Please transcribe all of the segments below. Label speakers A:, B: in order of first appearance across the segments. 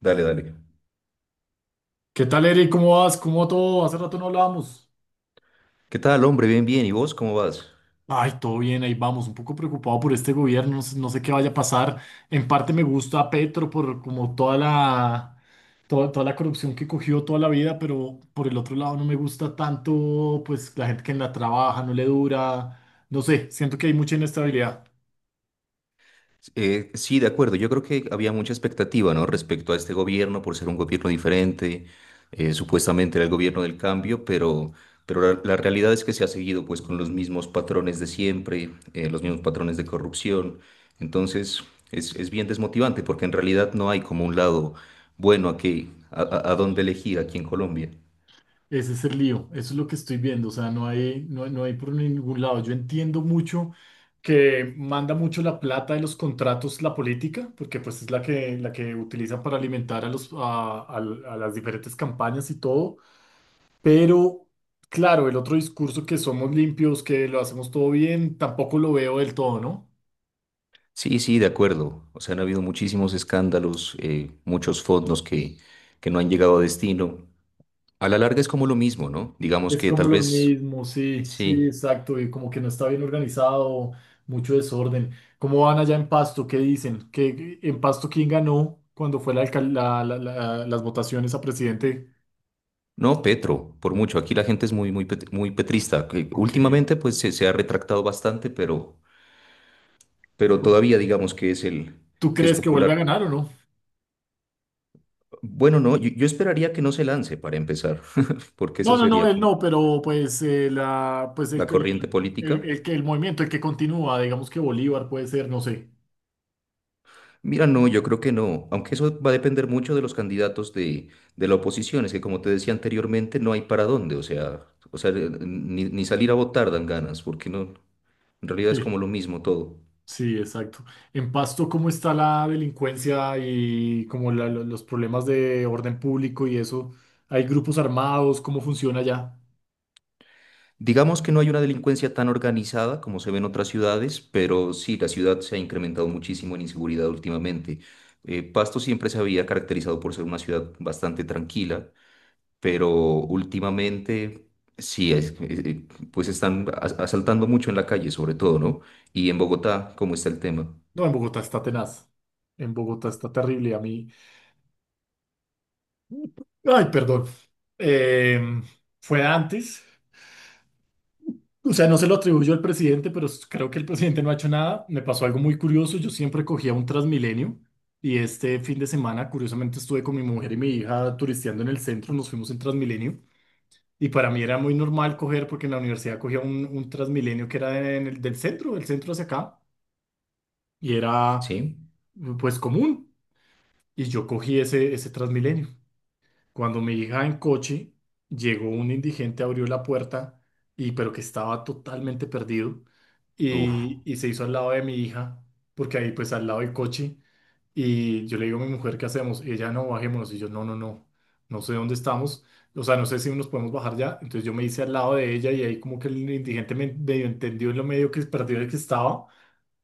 A: Dale, dale.
B: ¿Qué tal, Eric? ¿Cómo vas? ¿Cómo todo? Hace rato no hablábamos.
A: ¿Qué tal, hombre? Bien, bien. ¿Y vos cómo vas?
B: Ay, todo bien, ahí vamos. Un poco preocupado por este gobierno, no sé qué vaya a pasar. En parte me gusta a Petro por como toda la, toda la corrupción que cogió toda la vida, pero por el otro lado no me gusta tanto, pues la gente que en la trabaja no le dura. No sé, siento que hay mucha inestabilidad.
A: Sí, de acuerdo. Yo creo que había mucha expectativa, ¿no? Respecto a este gobierno, por ser un gobierno diferente. Supuestamente era el gobierno del cambio, pero la realidad es que se ha seguido, pues, con los mismos patrones de siempre, los mismos patrones de corrupción. Entonces, es bien desmotivante porque en realidad no hay como un lado bueno aquí, a dónde elegir aquí en Colombia.
B: Ese es el lío, eso es lo que estoy viendo, o sea, no hay por ningún lado. Yo entiendo mucho que manda mucho la plata de los contratos la política, porque pues es la que utilizan para alimentar a los, a las diferentes campañas y todo. Pero, claro, el otro discurso que somos limpios, que lo hacemos todo bien, tampoco lo veo del todo, ¿no?
A: Sí, sí, de acuerdo. O sea, han habido muchísimos escándalos, muchos fondos que no han llegado a destino. A la larga es como lo mismo, ¿no? Digamos
B: Es
A: que
B: como
A: tal
B: lo
A: vez,
B: mismo, sí, sí,
A: sí.
B: exacto, y como que no está bien organizado, mucho desorden. ¿Cómo van allá en Pasto? ¿Qué dicen? ¿Qué, en Pasto quién ganó cuando fue la, alcal- la- la- la- las votaciones a presidente?
A: No, Petro, por mucho. Aquí la gente es muy, muy, muy petrista, que
B: Ok.
A: últimamente, pues, se ha retractado bastante, pero todavía digamos que
B: ¿Tú
A: que es
B: crees que
A: popular.
B: vuelve a ganar o no?
A: Bueno, no, yo esperaría que no se lance para empezar, porque
B: No,
A: eso
B: no, no,
A: sería
B: él
A: como
B: no, pero pues, la, pues el,
A: la
B: que-
A: corriente política.
B: el, el movimiento, el que continúa, digamos que Bolívar puede ser, no sé.
A: Mira, no, yo creo que no, aunque eso va a depender mucho de los candidatos de la oposición, es que como te decía anteriormente, no hay para dónde, o sea, ni salir a votar dan ganas, porque no, en realidad es como
B: Sí.
A: lo mismo todo.
B: Sí, exacto. En Pasto, ¿cómo está la delincuencia y como los problemas de orden público y eso? ¿Hay grupos armados? ¿Cómo funciona allá?
A: Digamos que no hay una delincuencia tan organizada como se ve en otras ciudades, pero sí, la ciudad se ha incrementado muchísimo en inseguridad últimamente. Pasto siempre se había caracterizado por ser una ciudad bastante tranquila, pero últimamente sí, pues están asaltando mucho en la calle, sobre todo, ¿no? Y en Bogotá, ¿cómo está el tema?
B: No, en Bogotá está tenaz. En Bogotá está terrible. A mí, ay, perdón. Em, Fue antes. O sea, no se lo atribuyo al presidente, pero creo que el presidente no ha hecho nada. Me pasó algo muy curioso. Yo siempre cogía un Transmilenio y este fin de semana, curiosamente, estuve con mi mujer y mi hija turisteando en el centro. Nos fuimos en Transmilenio. Y para mí era muy normal coger, porque en la universidad cogía un Transmilenio que era del centro, del centro hacia acá, y era
A: ¿Sí?
B: pues común. Y yo cogí ese Transmilenio. Cuando mi hija en coche, llegó un indigente, abrió la puerta y pero que estaba totalmente perdido
A: Uf.
B: y se hizo al lado de mi hija, porque ahí pues al lado del coche, y yo le digo a mi mujer, ¿qué hacemos? Ella, no, bajémonos, y yo, no, no, no, no sé dónde estamos, o sea, no sé si nos podemos bajar ya. Entonces yo me hice al lado de ella y ahí como que el indigente me medio entendió en lo medio que perdido que estaba,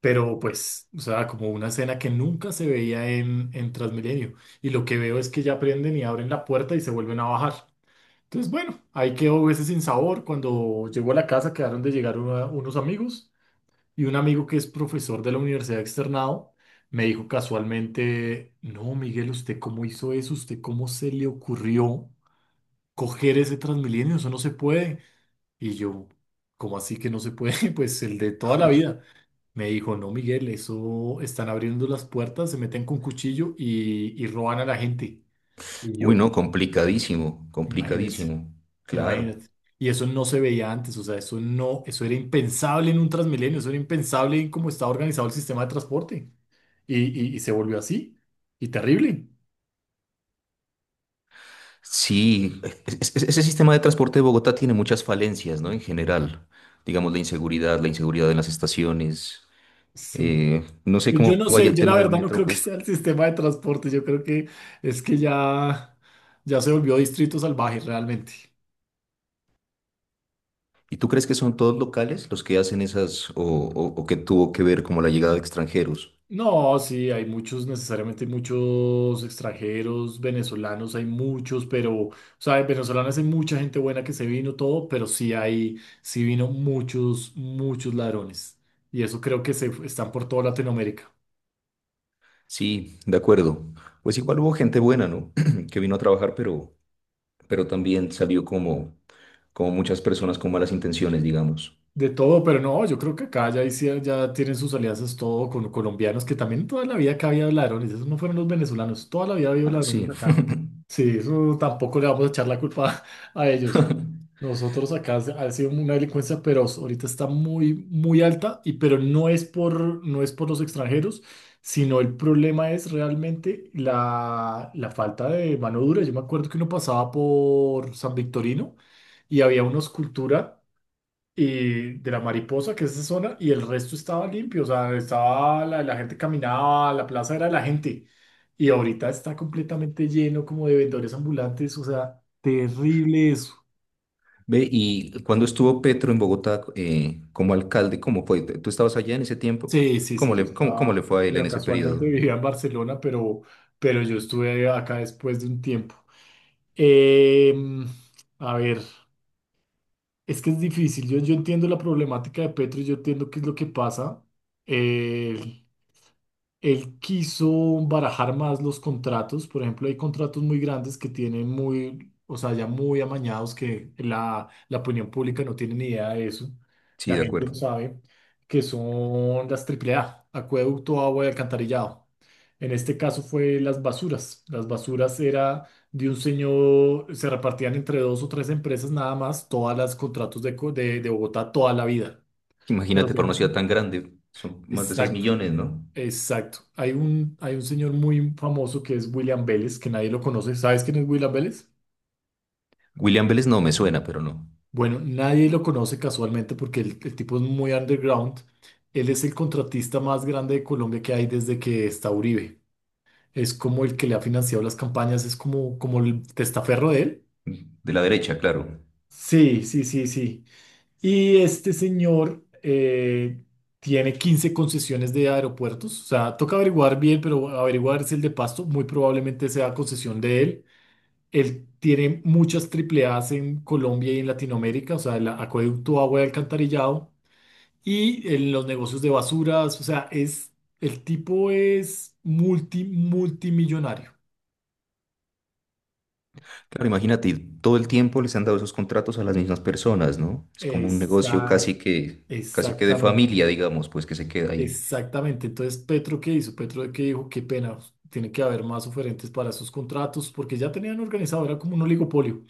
B: pero pues, o sea, como una escena que nunca se veía en Transmilenio. Y lo que veo es que ya prenden y abren la puerta y se vuelven a bajar. Entonces, bueno, ahí quedó ese sin sabor. Cuando llegó a la casa, quedaron de llegar unos amigos, y un amigo que es profesor de la universidad Externado me dijo casualmente, no, Miguel, ¿usted cómo hizo eso? ¿Usted cómo se le ocurrió coger ese Transmilenio? Eso no se puede. Y yo, ¿cómo así que no se puede? Pues el de toda la vida. Me dijo, no, Miguel, eso están abriendo las puertas, se meten con cuchillo y roban a la gente. Y
A: Uy,
B: yo,
A: no, complicadísimo,
B: imagínese,
A: complicadísimo, claro.
B: imagínate. Y eso no se veía antes, o sea, eso no, eso era impensable en un Transmilenio, eso era impensable en cómo estaba organizado el sistema de transporte. Y se volvió así, y terrible.
A: Sí, ese sistema de transporte de Bogotá tiene muchas falencias, ¿no? En general, digamos la inseguridad en las estaciones,
B: Sí.
A: no sé
B: Yo
A: cómo
B: no
A: vaya
B: sé,
A: el
B: yo la
A: tema del
B: verdad no
A: metro,
B: creo que
A: pues.
B: sea el sistema de transporte, yo creo que es que ya, ya se volvió distrito salvaje realmente.
A: ¿Y tú crees que son todos locales los que hacen esas o que tuvo que ver como la llegada de extranjeros?
B: No, sí, hay muchos, necesariamente hay muchos extranjeros, venezolanos, hay muchos, pero, o sea, en venezolanos hay mucha gente buena que se vino todo, pero sí hay, sí vino muchos, muchos ladrones. Y eso creo que se están por toda Latinoamérica.
A: Sí, de acuerdo. Pues igual hubo gente buena, ¿no? Que vino a trabajar, pero también salió como, como muchas personas con malas intenciones, digamos.
B: De todo, pero no, yo creo que acá ya tienen sus alianzas todo con colombianos, que también toda la vida acá había ladrones, esos no fueron los venezolanos, toda la vida había
A: Ah,
B: ladrones
A: sí.
B: acá. Sí, eso tampoco le vamos a echar la culpa a ellos. Nosotros acá ha sido una delincuencia feroz, ahorita está muy, muy alta, pero no es por, no es por los extranjeros, sino el problema es realmente la falta de mano dura. Yo me acuerdo que uno pasaba por San Victorino y había una escultura y de la Mariposa, que es esa zona, y el resto estaba limpio, o sea, estaba la gente caminaba, la plaza era de la gente, y ahorita está completamente lleno como de vendedores ambulantes, o sea, terrible eso.
A: Ve, y cuando estuvo Petro en Bogotá como alcalde, ¿cómo fue? ¿Tú estabas allá en ese tiempo?
B: Sí, sí, sí, yo
A: Cómo le
B: estaba,
A: fue a él en
B: bueno,
A: ese
B: casualmente
A: periodo?
B: vivía en Barcelona, pero yo estuve acá después de un tiempo. Em, a ver, es que es difícil. Yo entiendo la problemática de Petro, yo entiendo qué es lo que pasa. Eh, Él quiso barajar más los contratos. Por ejemplo, hay contratos muy grandes que tienen muy, o sea, ya muy amañados, que la opinión pública no tiene ni idea de eso.
A: Sí,
B: La
A: de
B: gente no
A: acuerdo.
B: sabe que son las AAA, acueducto, agua y alcantarillado. En este caso fue las basuras. Las basuras era de un señor, se repartían entre dos o tres empresas nada más, todas las contratos de Bogotá toda la vida. Pero
A: Imagínate, para una ciudad
B: tienen-
A: tan grande, son más de 6
B: exacto.
A: millones, ¿no?
B: Exacto. Hay un señor muy famoso que es William Vélez, que nadie lo conoce. ¿Sabes quién es William Vélez?
A: William Vélez no me suena, pero no.
B: Bueno, nadie lo conoce casualmente porque el tipo es muy underground. Él es el contratista más grande de Colombia que hay desde que está Uribe. Es como el que le ha financiado las campañas, es como el testaferro de él.
A: De la derecha, claro.
B: Sí, sí, sí, sí. Y este señor tiene 15 concesiones de aeropuertos. O sea, toca averiguar bien, pero averiguar es el de Pasto. Muy probablemente sea concesión de él. Él tiene muchas triple A's en Colombia y en Latinoamérica, o sea, el acueducto, agua y alcantarillado, y en los negocios de basuras, o sea, el tipo es multimillonario.
A: Claro, imagínate, y todo el tiempo les han dado esos contratos a las mismas personas, ¿no? Es como un negocio
B: Exact,
A: casi que de
B: exactamente,
A: familia, digamos, pues que se queda ahí.
B: exactamente. Entonces, Petro, ¿qué hizo? Petro, ¿qué dijo? Qué pena, tiene que haber más oferentes para esos contratos, porque ya tenían organizado, era como un oligopolio.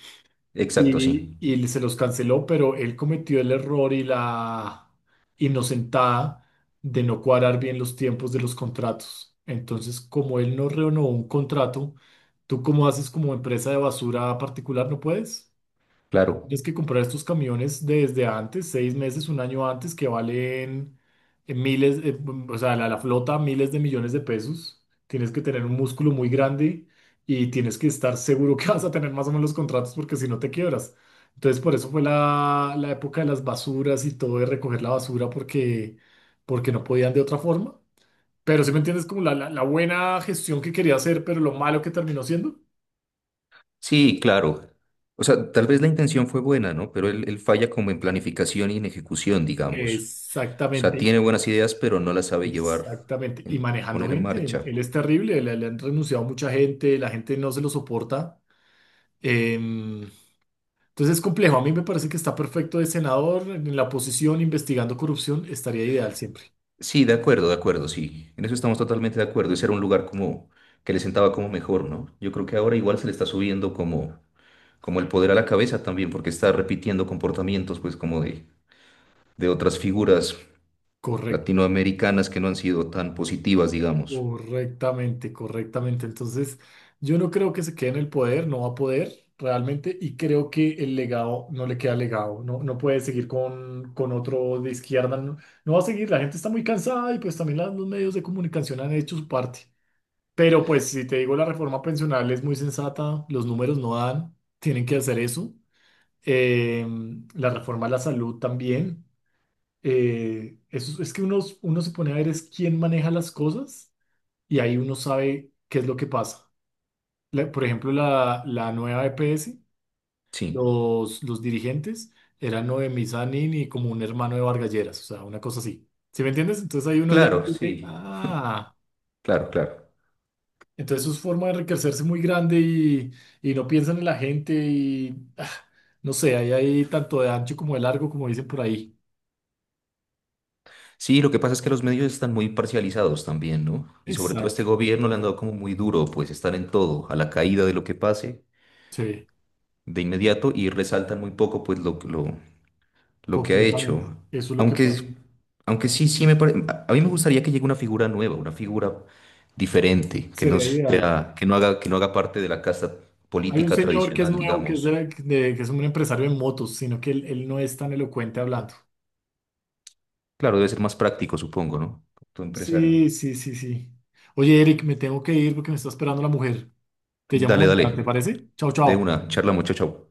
A: Exacto, sí.
B: Y se los canceló, pero él cometió el error y la inocentada de no cuadrar bien los tiempos de los contratos. Entonces, como él no renovó un contrato, ¿tú cómo haces como empresa de basura particular? ¿No puedes?
A: Claro.
B: Tienes que comprar estos camiones desde antes, 6 meses, un año antes, que valen miles, o sea, la flota, miles de millones de pesos. Tienes que tener un músculo muy grande y tienes que estar seguro que vas a tener más o menos los contratos, porque si no te quiebras. Entonces, por eso fue la época de las basuras y todo, de recoger la basura, porque, porque no podían de otra forma. Pero si me entiendes, como la buena gestión que quería hacer, pero lo malo que terminó siendo.
A: Sí, claro. O sea, tal vez la intención fue buena, ¿no? Pero él falla como en planificación y en ejecución, digamos. O sea,
B: Exactamente.
A: tiene buenas ideas, pero no las sabe llevar,
B: Exactamente. Y manejando
A: poner en
B: gente.
A: marcha.
B: Él es terrible. Le han renunciado mucha gente. La gente no se lo soporta. Em, entonces es complejo. A mí me parece que está perfecto de senador en la oposición investigando corrupción. Estaría ideal siempre.
A: Sí, de acuerdo, sí. En eso estamos totalmente de acuerdo. Ese era un lugar como que le sentaba como mejor, ¿no? Yo creo que ahora igual se le está subiendo como el poder a la cabeza también, porque está repitiendo comportamientos, pues, de otras figuras
B: Correcto.
A: latinoamericanas que no han sido tan positivas, digamos.
B: Correctamente, correctamente. Entonces, yo no creo que se quede en el poder. No va a poder realmente. Y creo que el legado no le queda legado. No, no puede seguir con otro de izquierda. No, no va a seguir. La gente está muy cansada y pues también los medios de comunicación han hecho su parte. Pero pues si te digo, la reforma pensional es muy sensata, los números no dan, tienen que hacer eso. Eh, la reforma a la salud también. Eso, es que uno se pone a ver es quién maneja las cosas y ahí uno sabe qué es lo que pasa. Por ejemplo, la nueva EPS,
A: Sí,
B: los dirigentes eran Noemí Sanín y como un hermano de Vargas Lleras, o sea, una cosa así. ¿Sí me entiendes? Entonces ahí uno ya
A: claro,
B: dice,
A: sí,
B: ah.
A: claro, claro.
B: Entonces es forma de enriquecerse muy grande y no piensan en la gente y no sé, ahí hay tanto de ancho como de largo, como dicen por ahí.
A: Sí, lo que pasa es que los medios están muy parcializados también, ¿no? Y sobre todo a
B: Exacto,
A: este gobierno le han
B: exacto.
A: dado como muy duro, pues, estar en todo, a la caída de lo que pase
B: Sí,
A: de inmediato y resaltan muy poco, pues, lo que ha
B: completamente.
A: hecho.
B: Eso es lo que pasa.
A: Aunque, aunque sí, sí me parece. A mí me gustaría que llegue una figura nueva, una figura diferente, que no
B: Sería ideal.
A: sea, que no haga parte de la casta
B: Hay un
A: política
B: señor que es
A: tradicional,
B: nuevo, que es,
A: digamos.
B: de- de- que es un empresario en motos, sino que él no es tan elocuente hablando.
A: Claro, debe ser más práctico, supongo, ¿no? Tu empresario.
B: Sí, sí, sí, sí. Oye, Eric, me tengo que ir porque me está esperando la mujer. Te llamo
A: Dale,
B: mañana, ¿te
A: dale.
B: parece? Chao,
A: De
B: chao.
A: una, charla, muchacho.